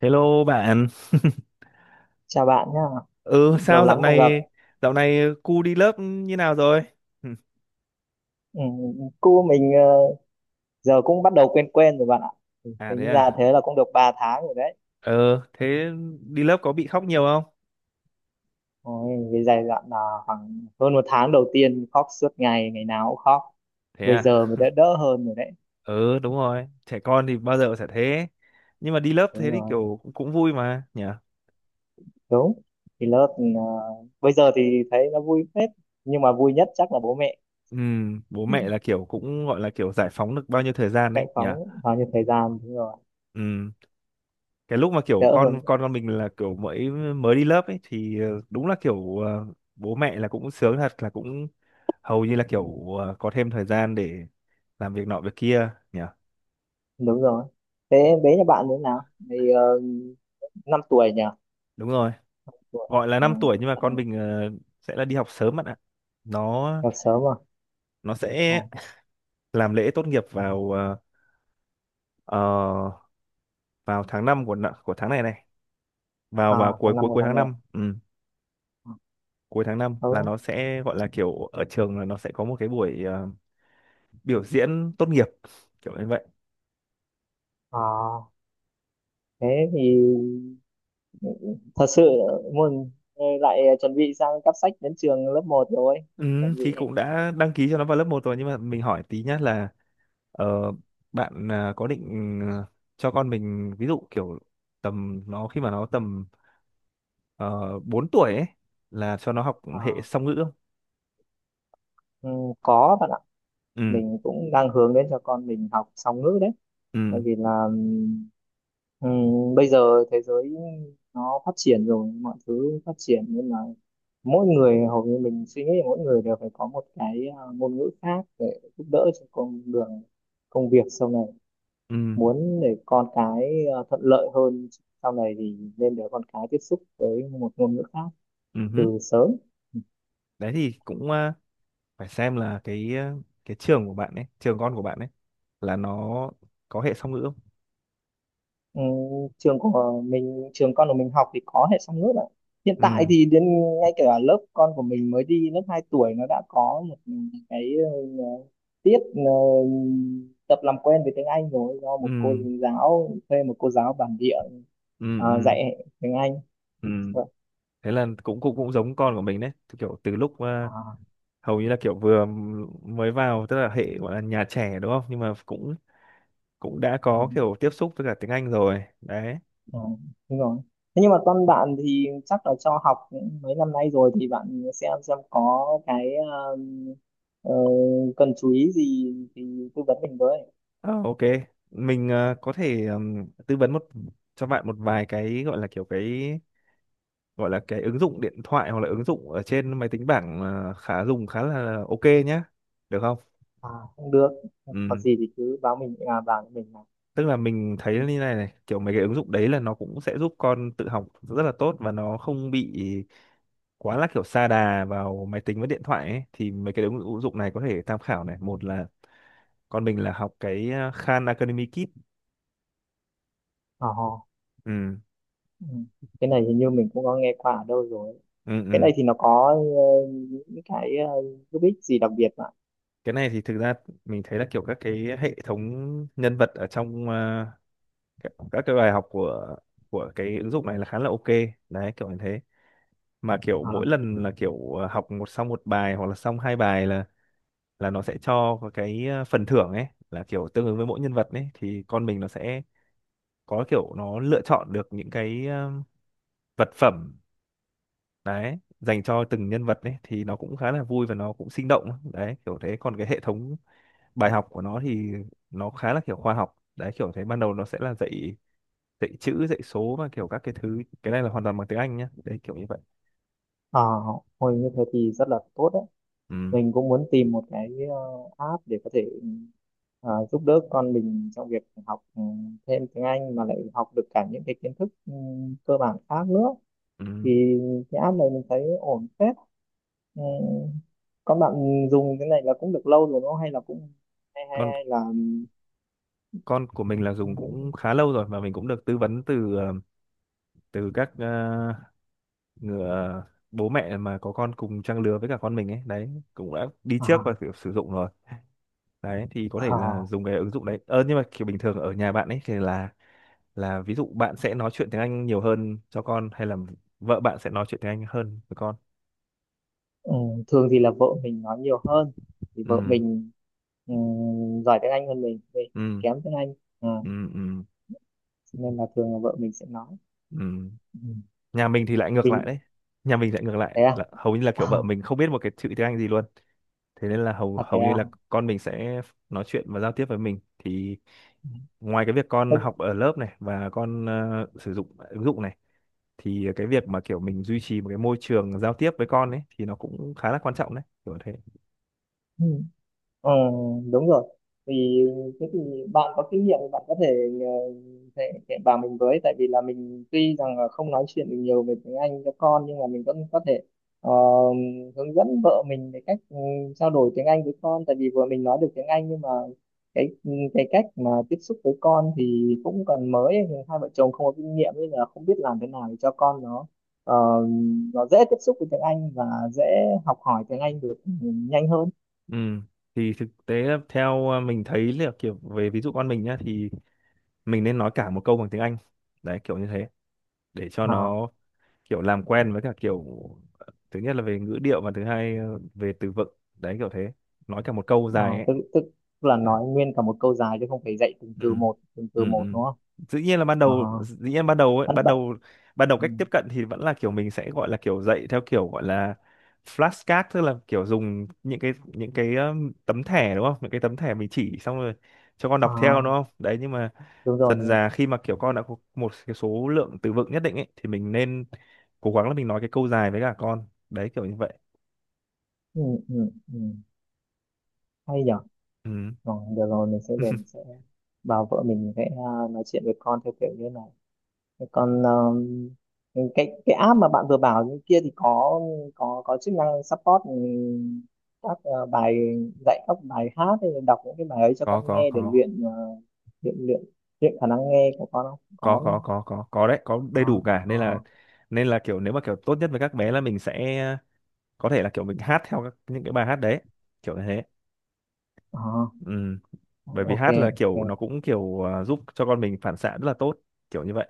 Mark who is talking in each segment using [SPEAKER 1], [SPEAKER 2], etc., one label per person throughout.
[SPEAKER 1] Hello bạn.
[SPEAKER 2] Chào bạn nhá,
[SPEAKER 1] Ừ
[SPEAKER 2] lâu
[SPEAKER 1] sao
[SPEAKER 2] lắm
[SPEAKER 1] dạo
[SPEAKER 2] không gặp.
[SPEAKER 1] này cu đi lớp như nào rồi?
[SPEAKER 2] Ừ, cu mình giờ cũng bắt đầu quen quen rồi bạn ạ. Ừ,
[SPEAKER 1] À thế
[SPEAKER 2] tính ra
[SPEAKER 1] à.
[SPEAKER 2] thế là cũng được 3 tháng rồi đấy.
[SPEAKER 1] Ờ thế đi lớp có bị khóc nhiều không?
[SPEAKER 2] Ôi, cái giai đoạn là khoảng hơn một tháng đầu tiên khóc suốt ngày, ngày nào cũng khóc.
[SPEAKER 1] Thế
[SPEAKER 2] Bây
[SPEAKER 1] à.
[SPEAKER 2] giờ mới đã đỡ hơn rồi đấy.
[SPEAKER 1] Ừ, đúng rồi, trẻ con thì bao giờ cũng sẽ thế. Nhưng mà đi lớp thế
[SPEAKER 2] Đúng
[SPEAKER 1] thì
[SPEAKER 2] rồi,
[SPEAKER 1] kiểu cũng vui mà nhỉ.
[SPEAKER 2] đúng. Thì lớp bây giờ thì thấy nó vui phết, nhưng mà vui nhất chắc là bố mẹ,
[SPEAKER 1] Ừ, bố mẹ là kiểu cũng gọi là kiểu giải phóng được bao nhiêu thời gian
[SPEAKER 2] mẹ
[SPEAKER 1] đấy nhỉ.
[SPEAKER 2] phóng bao nhiêu thời gian, đúng rồi,
[SPEAKER 1] Ừ, cái lúc mà kiểu
[SPEAKER 2] đỡ hơn.
[SPEAKER 1] con mình là kiểu mới mới đi lớp ấy thì đúng là kiểu bố mẹ là cũng sướng thật, là cũng hầu như là kiểu có thêm thời gian để làm việc nọ việc kia nhỉ.
[SPEAKER 2] Đúng rồi. Thế bé nhà bạn như thế nào? Thì 5 tuổi nhỉ?
[SPEAKER 1] Đúng rồi,
[SPEAKER 2] Tuổi.
[SPEAKER 1] gọi là 5 tuổi nhưng mà
[SPEAKER 2] Ừ.
[SPEAKER 1] con mình sẽ là đi học sớm bạn ạ. nó
[SPEAKER 2] Đợt sớm à?
[SPEAKER 1] nó
[SPEAKER 2] Ờ.
[SPEAKER 1] sẽ làm lễ tốt nghiệp vào ờ, vào tháng 5 của của tháng này này, vào
[SPEAKER 2] À,
[SPEAKER 1] vào cuối
[SPEAKER 2] tháng 5
[SPEAKER 1] cuối
[SPEAKER 2] của
[SPEAKER 1] cuối
[SPEAKER 2] tháng
[SPEAKER 1] tháng
[SPEAKER 2] này.
[SPEAKER 1] năm. Ừ,
[SPEAKER 2] À?
[SPEAKER 1] cuối tháng năm
[SPEAKER 2] Ờ.
[SPEAKER 1] là
[SPEAKER 2] Ừ.
[SPEAKER 1] nó sẽ gọi là kiểu ở trường là nó sẽ có một cái buổi biểu diễn tốt nghiệp kiểu như vậy.
[SPEAKER 2] À, thế thì thật sự muốn lại chuẩn bị sang cắp sách đến trường lớp một rồi.
[SPEAKER 1] Ừ,
[SPEAKER 2] Chuẩn
[SPEAKER 1] thì
[SPEAKER 2] bị.
[SPEAKER 1] cũng đã đăng ký cho nó vào lớp một rồi nhưng mà mình hỏi tí nhá là. Ờ, bạn à, có định à, cho con mình ví dụ kiểu tầm nó khi mà nó tầm 4 tuổi ấy là cho nó học hệ
[SPEAKER 2] À,
[SPEAKER 1] song ngữ không?
[SPEAKER 2] ừ, có bạn ạ.
[SPEAKER 1] Ừ,
[SPEAKER 2] Mình cũng đang hướng đến cho con mình học song ngữ đấy. Tại
[SPEAKER 1] ừ,
[SPEAKER 2] vì là bây giờ thế giới nó phát triển rồi, mọi thứ phát triển nên là mỗi người, hầu như mình suy nghĩ là mỗi người đều phải có một cái ngôn ngữ khác để giúp đỡ cho con đường công việc sau này.
[SPEAKER 1] ừ,
[SPEAKER 2] Muốn để con cái thuận lợi hơn sau này thì nên để con cái tiếp xúc với một ngôn ngữ khác
[SPEAKER 1] ừ hứ.
[SPEAKER 2] từ sớm.
[SPEAKER 1] Đấy thì cũng à, phải xem là cái à, cái trường của bạn ấy, trường con của bạn ấy là nó có hệ song ngữ không?
[SPEAKER 2] Ừ, trường của mình, trường con của mình học thì có hệ song ngữ ạ. Hiện tại
[SPEAKER 1] Ừ,
[SPEAKER 2] thì đến ngay cả lớp con của mình mới đi lớp 2 tuổi nó đã có một cái ờ, tiết tập làm quen với tiếng Anh rồi, do
[SPEAKER 1] ừ,
[SPEAKER 2] một cô giáo, thuê một cô giáo bản địa
[SPEAKER 1] ừ, ừ,
[SPEAKER 2] dạy tiếng Anh.
[SPEAKER 1] ừ.
[SPEAKER 2] Vâng.
[SPEAKER 1] Thế là cũng cũng cũng giống con của mình đấy. Thì kiểu từ lúc à,
[SPEAKER 2] À,
[SPEAKER 1] hầu như là kiểu vừa mới vào tức là hệ gọi là nhà trẻ đúng không? Nhưng mà cũng cũng đã
[SPEAKER 2] ừ,
[SPEAKER 1] có kiểu tiếp xúc với cả tiếng Anh rồi đấy.
[SPEAKER 2] ừ, đúng rồi. Thế nhưng mà con bạn thì chắc là cho học cũng mấy năm nay rồi thì bạn xem có cái ờ, cần chú ý gì thì tư vấn mình với.
[SPEAKER 1] Ờ, ok, mình có thể tư vấn một, cho bạn một vài cái gọi là kiểu cái gọi là cái ứng dụng điện thoại hoặc là ứng dụng ở trên máy tính bảng khá dùng khá là ok nhá, được không?
[SPEAKER 2] À, cũng được. Có
[SPEAKER 1] Ừm,
[SPEAKER 2] gì thì cứ báo mình, bảo mình là
[SPEAKER 1] tức là mình thấy
[SPEAKER 2] ừ.
[SPEAKER 1] như này này kiểu mấy cái ứng dụng đấy là nó cũng sẽ giúp con tự học rất là tốt và nó không bị quá là kiểu sa đà vào máy tính với điện thoại ấy. Thì mấy cái ứng ứng dụng này có thể tham khảo, này, một là con mình là học cái Khan Academy Kit.
[SPEAKER 2] Ờ, ờ.
[SPEAKER 1] Ừ
[SPEAKER 2] Ừ. Cái này hình như mình cũng có nghe qua ở đâu rồi.
[SPEAKER 1] ừ
[SPEAKER 2] Cái
[SPEAKER 1] ừ,
[SPEAKER 2] này thì nó có những cái uh, giúp ích gì đặc biệt mà?
[SPEAKER 1] cái này thì thực ra mình thấy là kiểu các cái hệ thống nhân vật ở trong các cái bài học của cái ứng dụng này là khá là ok đấy kiểu như thế. Mà kiểu
[SPEAKER 2] Ờ,
[SPEAKER 1] mỗi lần là kiểu học một, xong một bài hoặc là xong hai bài là nó sẽ cho có cái phần thưởng ấy, là kiểu tương ứng với mỗi nhân vật ấy thì con mình nó sẽ có kiểu nó lựa chọn được những cái vật phẩm đấy dành cho từng nhân vật ấy, thì nó cũng khá là vui và nó cũng sinh động đấy kiểu thế. Còn cái hệ thống bài học của nó thì nó khá là kiểu khoa học đấy kiểu thế, ban đầu nó sẽ là dạy dạy chữ dạy số và kiểu các cái thứ, cái này là hoàn toàn bằng tiếng Anh nhá đấy kiểu như vậy.
[SPEAKER 2] ờ, hồi như thế thì rất là tốt đấy.
[SPEAKER 1] Ừ,
[SPEAKER 2] Mình cũng muốn tìm một cái app để có thể ờ, giúp đỡ con mình trong việc học, ừ, thêm tiếng Anh mà lại học được cả những cái kiến thức ừ, cơ bản khác nữa.
[SPEAKER 1] ừ.
[SPEAKER 2] Thì cái app này mình thấy ổn phết. Ừ. Có bạn dùng cái này là cũng được lâu rồi đúng không? Hay là cũng hay hay
[SPEAKER 1] con
[SPEAKER 2] hay là
[SPEAKER 1] con của mình là dùng cũng khá lâu rồi, mà mình cũng được tư vấn từ từ các người, bố mẹ mà có con cùng trang lứa với cả con mình ấy đấy, cũng đã đi trước
[SPEAKER 2] à,
[SPEAKER 1] và kiểu sử dụng rồi đấy. Thì có thể là
[SPEAKER 2] à,
[SPEAKER 1] dùng cái ứng dụng đấy ờ, nhưng mà kiểu bình thường ở nhà bạn ấy thì là ví dụ bạn sẽ nói chuyện tiếng Anh nhiều hơn cho con hay là vợ bạn sẽ nói chuyện tiếng Anh hơn với con?
[SPEAKER 2] ừ. Thường thì là vợ mình nói nhiều hơn, thì
[SPEAKER 1] Ừ
[SPEAKER 2] vợ mình ừ, giỏi tiếng Anh hơn mình
[SPEAKER 1] ừ
[SPEAKER 2] kém tiếng Anh, à,
[SPEAKER 1] ừ ừ
[SPEAKER 2] cho nên là thường là vợ mình sẽ nói
[SPEAKER 1] ừ.
[SPEAKER 2] ừ.
[SPEAKER 1] Nhà mình thì lại ngược lại
[SPEAKER 2] Mình
[SPEAKER 1] đấy, nhà mình lại ngược lại
[SPEAKER 2] thế à.
[SPEAKER 1] là hầu như là
[SPEAKER 2] À,
[SPEAKER 1] kiểu vợ mình không biết một cái chữ tiếng Anh gì luôn. Thế nên là hầu
[SPEAKER 2] à thế
[SPEAKER 1] hầu như
[SPEAKER 2] à.
[SPEAKER 1] là con mình sẽ nói chuyện và giao tiếp với mình, thì ngoài cái việc con học ở lớp này và con sử dụng ứng dụng này thì cái việc mà kiểu mình duy trì một cái môi trường giao tiếp với con ấy thì nó cũng khá là quan trọng đấy kiểu thế.
[SPEAKER 2] Ừ. Ờ, đúng rồi. Vì thế thì bạn có kinh nghiệm thì bạn có thể ờ, thể thể bảo mình với, tại vì là mình tuy rằng là không nói chuyện được nhiều về tiếng Anh cho con nhưng mà mình vẫn có thể ờ, hướng dẫn vợ mình về cách ừ, trao đổi tiếng Anh với con, tại vì vừa mình nói được tiếng Anh nhưng mà cái cái cách mà tiếp xúc với con thì cũng còn mới thì hai vợ chồng không có kinh nghiệm, nên là không biết làm thế nào để cho con nó ờ, nó dễ tiếp xúc với tiếng Anh và dễ học hỏi tiếng Anh được ừ, nhanh hơn.
[SPEAKER 1] Ừ. Thì thực tế là theo à, mình thấy là kiểu về ví dụ con mình nhá thì mình nên nói cả một câu bằng tiếng Anh đấy kiểu như thế, để cho
[SPEAKER 2] Ờ.
[SPEAKER 1] nó kiểu làm quen với cả kiểu, thứ nhất là về ngữ điệu và thứ hai về từ vựng, đấy kiểu thế, nói cả một câu dài
[SPEAKER 2] Ờ,
[SPEAKER 1] ấy.
[SPEAKER 2] tức tức là nói nguyên cả một câu dài chứ không phải dạy từng từ
[SPEAKER 1] Ừ
[SPEAKER 2] một, từng từ
[SPEAKER 1] ừ
[SPEAKER 2] một,
[SPEAKER 1] ừ.
[SPEAKER 2] đúng không?
[SPEAKER 1] Dĩ nhiên là ban
[SPEAKER 2] À,
[SPEAKER 1] đầu, dĩ nhiên ban đầu ấy,
[SPEAKER 2] bắt bậy
[SPEAKER 1] ban đầu
[SPEAKER 2] ừ.
[SPEAKER 1] cách tiếp cận thì vẫn là kiểu mình sẽ gọi là kiểu dạy theo kiểu gọi là flashcard, tức là kiểu dùng những cái tấm thẻ đúng không, những cái tấm thẻ mình chỉ xong rồi cho con đọc theo
[SPEAKER 2] À,
[SPEAKER 1] đúng không, đấy, nhưng mà
[SPEAKER 2] đúng rồi,
[SPEAKER 1] dần
[SPEAKER 2] đúng rồi.
[SPEAKER 1] dà khi mà kiểu con đã có một cái số lượng từ vựng nhất định ấy thì mình nên cố gắng là mình nói cái câu dài với cả con, đấy kiểu như vậy.
[SPEAKER 2] Ừ, ừ, ừ. Hay nhở.
[SPEAKER 1] Ừ.
[SPEAKER 2] Rồi, được rồi, mình sẽ về mình sẽ bảo vợ mình sẽ nói chuyện với con theo kiểu như này. Thế còn cái app mà bạn vừa bảo như kia thì có, có chức năng support ừ, các ờ, bài dạy, các bài hát, hay là đọc những cái bài ấy cho
[SPEAKER 1] Có
[SPEAKER 2] con nghe để luyện luyện luyện luyện khả năng nghe của con không? Có.
[SPEAKER 1] có, đấy có đầy đủ
[SPEAKER 2] Đó,
[SPEAKER 1] cả,
[SPEAKER 2] ờ,
[SPEAKER 1] nên là kiểu nếu mà kiểu tốt nhất với các bé là mình sẽ có thể là kiểu mình hát theo các, những cái bài hát đấy kiểu như thế.
[SPEAKER 2] ờ, ờ,
[SPEAKER 1] Ừ. Bởi vì
[SPEAKER 2] ok,
[SPEAKER 1] hát là
[SPEAKER 2] ok,
[SPEAKER 1] kiểu nó cũng kiểu à, giúp cho con mình phản xạ rất là tốt kiểu như vậy.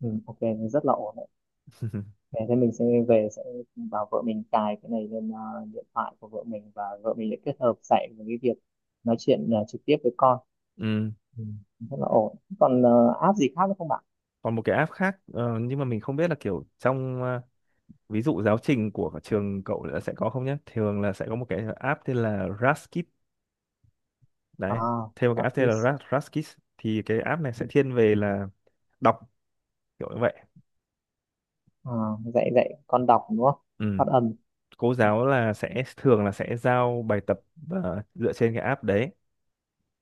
[SPEAKER 2] ừ, ok, rất là ổn đấy. Thế thế mình sẽ về sẽ bảo vợ mình cài cái này lên điện thoại của vợ mình, và vợ mình sẽ kết hợp dạy với cái việc nói chuyện trực tiếp với con.
[SPEAKER 1] Ừ.
[SPEAKER 2] Ừ, rất là ổn. Còn app gì khác nữa không bạn?
[SPEAKER 1] Còn một cái app khác nhưng mà mình không biết là kiểu trong à, ví dụ giáo trình của trường cậu là sẽ có không nhé, thường là sẽ có một cái app tên là Raskid đấy,
[SPEAKER 2] À
[SPEAKER 1] thêm một cái app tên là
[SPEAKER 2] practice.
[SPEAKER 1] Raskid, thì cái app này sẽ thiên về là đọc kiểu như vậy.
[SPEAKER 2] À, dạy dạy con đọc đúng không?
[SPEAKER 1] Ừ.
[SPEAKER 2] Phát âm.
[SPEAKER 1] Cô giáo là sẽ thường là sẽ giao bài tập dựa trên cái app đấy.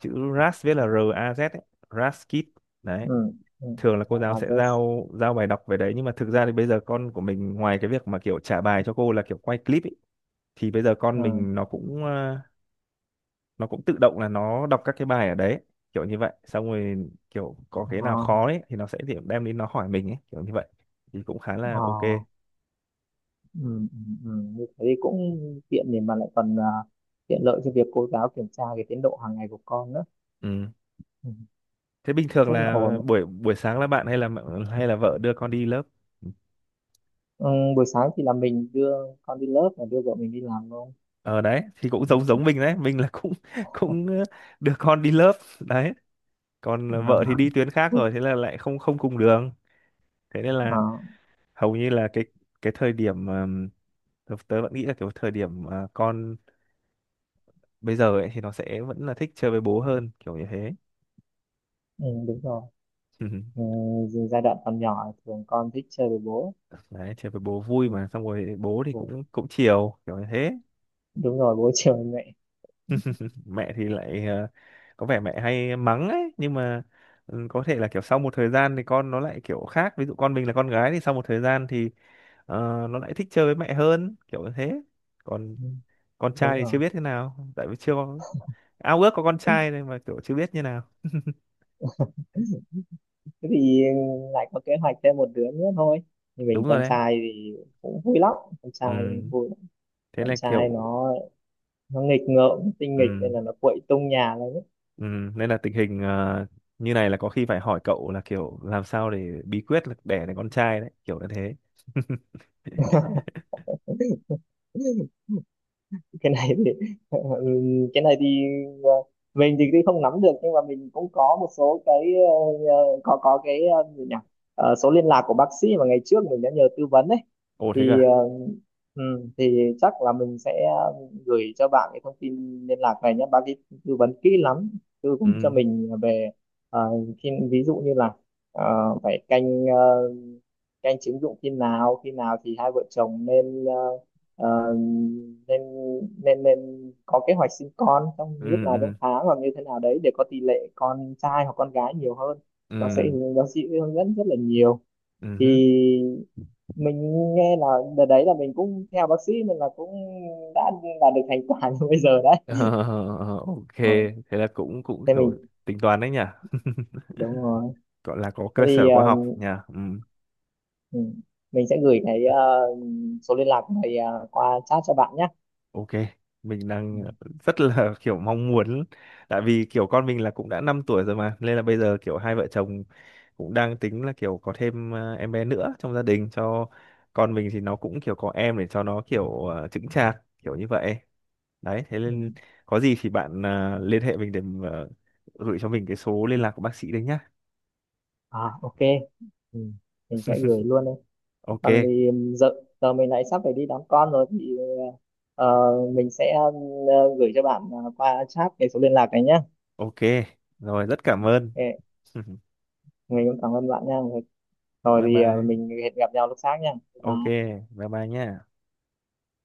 [SPEAKER 1] Chữ RAS viết là R A Z ấy. RAS Kit đấy.
[SPEAKER 2] Ừ, ừ.
[SPEAKER 1] Thường là cô
[SPEAKER 2] Rồi,
[SPEAKER 1] giáo sẽ
[SPEAKER 2] address.
[SPEAKER 1] giao giao bài đọc về đấy, nhưng mà thực ra thì bây giờ con của mình ngoài cái việc mà kiểu trả bài cho cô là kiểu quay clip ấy, thì bây giờ con
[SPEAKER 2] Ừ.
[SPEAKER 1] mình nó cũng nó cũng tự động là nó đọc các cái bài ở đấy kiểu như vậy, xong rồi kiểu có
[SPEAKER 2] Ờ,
[SPEAKER 1] cái nào khó ấy thì nó sẽ điểm đem đến nó hỏi mình ấy kiểu như vậy, thì cũng khá là
[SPEAKER 2] ờ.
[SPEAKER 1] ok.
[SPEAKER 2] Ừ, ừ, ừ. Như thế thì cũng tiện, để mà lại còn tiện lợi cho việc cô giáo kiểm tra cái tiến độ hàng ngày của con nữa.
[SPEAKER 1] Ừ.
[SPEAKER 2] Ừ,
[SPEAKER 1] Thế bình thường
[SPEAKER 2] rất là
[SPEAKER 1] là
[SPEAKER 2] ổn.
[SPEAKER 1] buổi buổi sáng là bạn hay là hay là vợ đưa con đi lớp?
[SPEAKER 2] Ừ, buổi sáng thì là mình đưa con đi lớp và đưa vợ mình đi làm luôn.
[SPEAKER 1] Ờ đấy, thì cũng giống
[SPEAKER 2] Ừ.
[SPEAKER 1] giống mình đấy, mình là cũng cũng đưa con đi lớp đấy.
[SPEAKER 2] Ờ,
[SPEAKER 1] Còn vợ thì đi tuyến khác rồi, thế là lại không không cùng đường. Thế nên là
[SPEAKER 2] ờ,
[SPEAKER 1] hầu như là cái thời điểm tớ tớ vẫn nghĩ là kiểu thời điểm con bây giờ ấy thì nó sẽ vẫn là thích chơi với bố hơn, kiểu như thế.
[SPEAKER 2] ừ, đúng rồi. Ừ, dù giai đoạn còn nhỏ thường con thích chơi với bố.
[SPEAKER 1] Đấy, chơi với bố vui
[SPEAKER 2] Ừ,
[SPEAKER 1] mà, xong rồi bố thì
[SPEAKER 2] bố,
[SPEAKER 1] cũng cũng chiều kiểu như thế.
[SPEAKER 2] đúng rồi, bố chơi với mẹ.
[SPEAKER 1] Mẹ thì lại có vẻ mẹ hay mắng ấy, nhưng mà ừ, có thể là kiểu sau một thời gian thì con nó lại kiểu khác, ví dụ con mình là con gái thì sau một thời gian thì ờ, nó lại thích chơi với mẹ hơn kiểu như thế. Còn
[SPEAKER 2] Ừ,
[SPEAKER 1] con trai
[SPEAKER 2] đúng
[SPEAKER 1] thì chưa
[SPEAKER 2] rồi.
[SPEAKER 1] biết thế nào, tại vì chưa có, ao ước có con trai nên mà kiểu chưa biết như nào.
[SPEAKER 2] Thế thì lại có kế hoạch thêm một đứa nữa thôi.
[SPEAKER 1] Đúng
[SPEAKER 2] Mình
[SPEAKER 1] rồi
[SPEAKER 2] con
[SPEAKER 1] đấy.
[SPEAKER 2] trai thì cũng vui lắm, con trai
[SPEAKER 1] Ừ.
[SPEAKER 2] vui lắm.
[SPEAKER 1] Thế
[SPEAKER 2] Con
[SPEAKER 1] là
[SPEAKER 2] trai
[SPEAKER 1] kiểu
[SPEAKER 2] nó nghịch ngợm tinh nghịch nên
[SPEAKER 1] ừ.
[SPEAKER 2] là nó quậy tung nhà lên.
[SPEAKER 1] Ừ. Nên là tình hình như này là có khi phải hỏi cậu là kiểu làm sao, để bí quyết là đẻ được con trai đấy kiểu như thế.
[SPEAKER 2] Cái này thì ừ, cái này thì ờ, mình thì cũng không nắm được nhưng mà mình cũng có một số cái có cái ờ, gì nhỉ. Ờ, số liên lạc của bác sĩ mà ngày trước mình đã nhờ tư vấn ấy,
[SPEAKER 1] Ồ thế cơ
[SPEAKER 2] thì
[SPEAKER 1] à?
[SPEAKER 2] ừ, thì chắc là mình sẽ gửi cho bạn cái thông tin liên lạc này nhé, bác ấy tư vấn kỹ lắm, tư vấn cho
[SPEAKER 1] Ừ.
[SPEAKER 2] mình về ờ, khi ví dụ như là ờ, phải canh các anh chứng dụng khi nào, khi nào thì hai vợ chồng nên ờ, nên nên có kế hoạch sinh con trong
[SPEAKER 1] Ừ
[SPEAKER 2] lúc nào trong
[SPEAKER 1] ừ
[SPEAKER 2] tháng, hoặc như thế nào đấy để có tỷ lệ con trai hoặc con gái nhiều hơn. Bác sĩ,
[SPEAKER 1] ừ
[SPEAKER 2] bác sĩ hướng dẫn rất là nhiều.
[SPEAKER 1] ừ
[SPEAKER 2] Thì
[SPEAKER 1] hứ.
[SPEAKER 2] mình nghe là đợt đấy là mình cũng theo bác sĩ nên là cũng đã đạt được thành quả như bây giờ đấy.
[SPEAKER 1] Ờ, ok,
[SPEAKER 2] Ừ.
[SPEAKER 1] thế là cũng cũng
[SPEAKER 2] Thế
[SPEAKER 1] kiểu
[SPEAKER 2] mình
[SPEAKER 1] tính toán đấy nhỉ,
[SPEAKER 2] đúng rồi.
[SPEAKER 1] gọi là có
[SPEAKER 2] Thế
[SPEAKER 1] cơ
[SPEAKER 2] thì
[SPEAKER 1] sở khoa học nhỉ. Ừ.
[SPEAKER 2] ừ, mình sẽ gửi cái số liên lạc này ờ, qua chat cho bạn nhé.
[SPEAKER 1] Ok, mình
[SPEAKER 2] Ừ.
[SPEAKER 1] đang rất là kiểu mong muốn, tại vì kiểu con mình là cũng đã 5 tuổi rồi mà, nên là bây giờ kiểu hai vợ chồng cũng đang tính là kiểu có thêm em bé nữa trong gia đình, cho con mình thì nó cũng kiểu có em để cho nó kiểu chững chạc kiểu như vậy đấy. Thế
[SPEAKER 2] Ừ.
[SPEAKER 1] nên có gì thì bạn liên hệ mình để gửi cho mình cái số liên lạc của bác sĩ đấy nhá.
[SPEAKER 2] À ok, ừ. Mình sẽ gửi luôn đấy. Còn
[SPEAKER 1] Ok.
[SPEAKER 2] thì giờ, giờ mình lại sắp phải đi đón con rồi, thì ờ, mình sẽ gửi cho bạn ờ, qua chat cái số liên lạc này nhé.
[SPEAKER 1] Ok rồi, rất cảm ơn.
[SPEAKER 2] Ok. Mình cũng cảm ơn bạn nha. Rồi
[SPEAKER 1] Bye
[SPEAKER 2] thì ờ,
[SPEAKER 1] bye.
[SPEAKER 2] mình hẹn gặp nhau lúc sáng nha.
[SPEAKER 1] Ok.
[SPEAKER 2] Bye.
[SPEAKER 1] Bye bye nhé.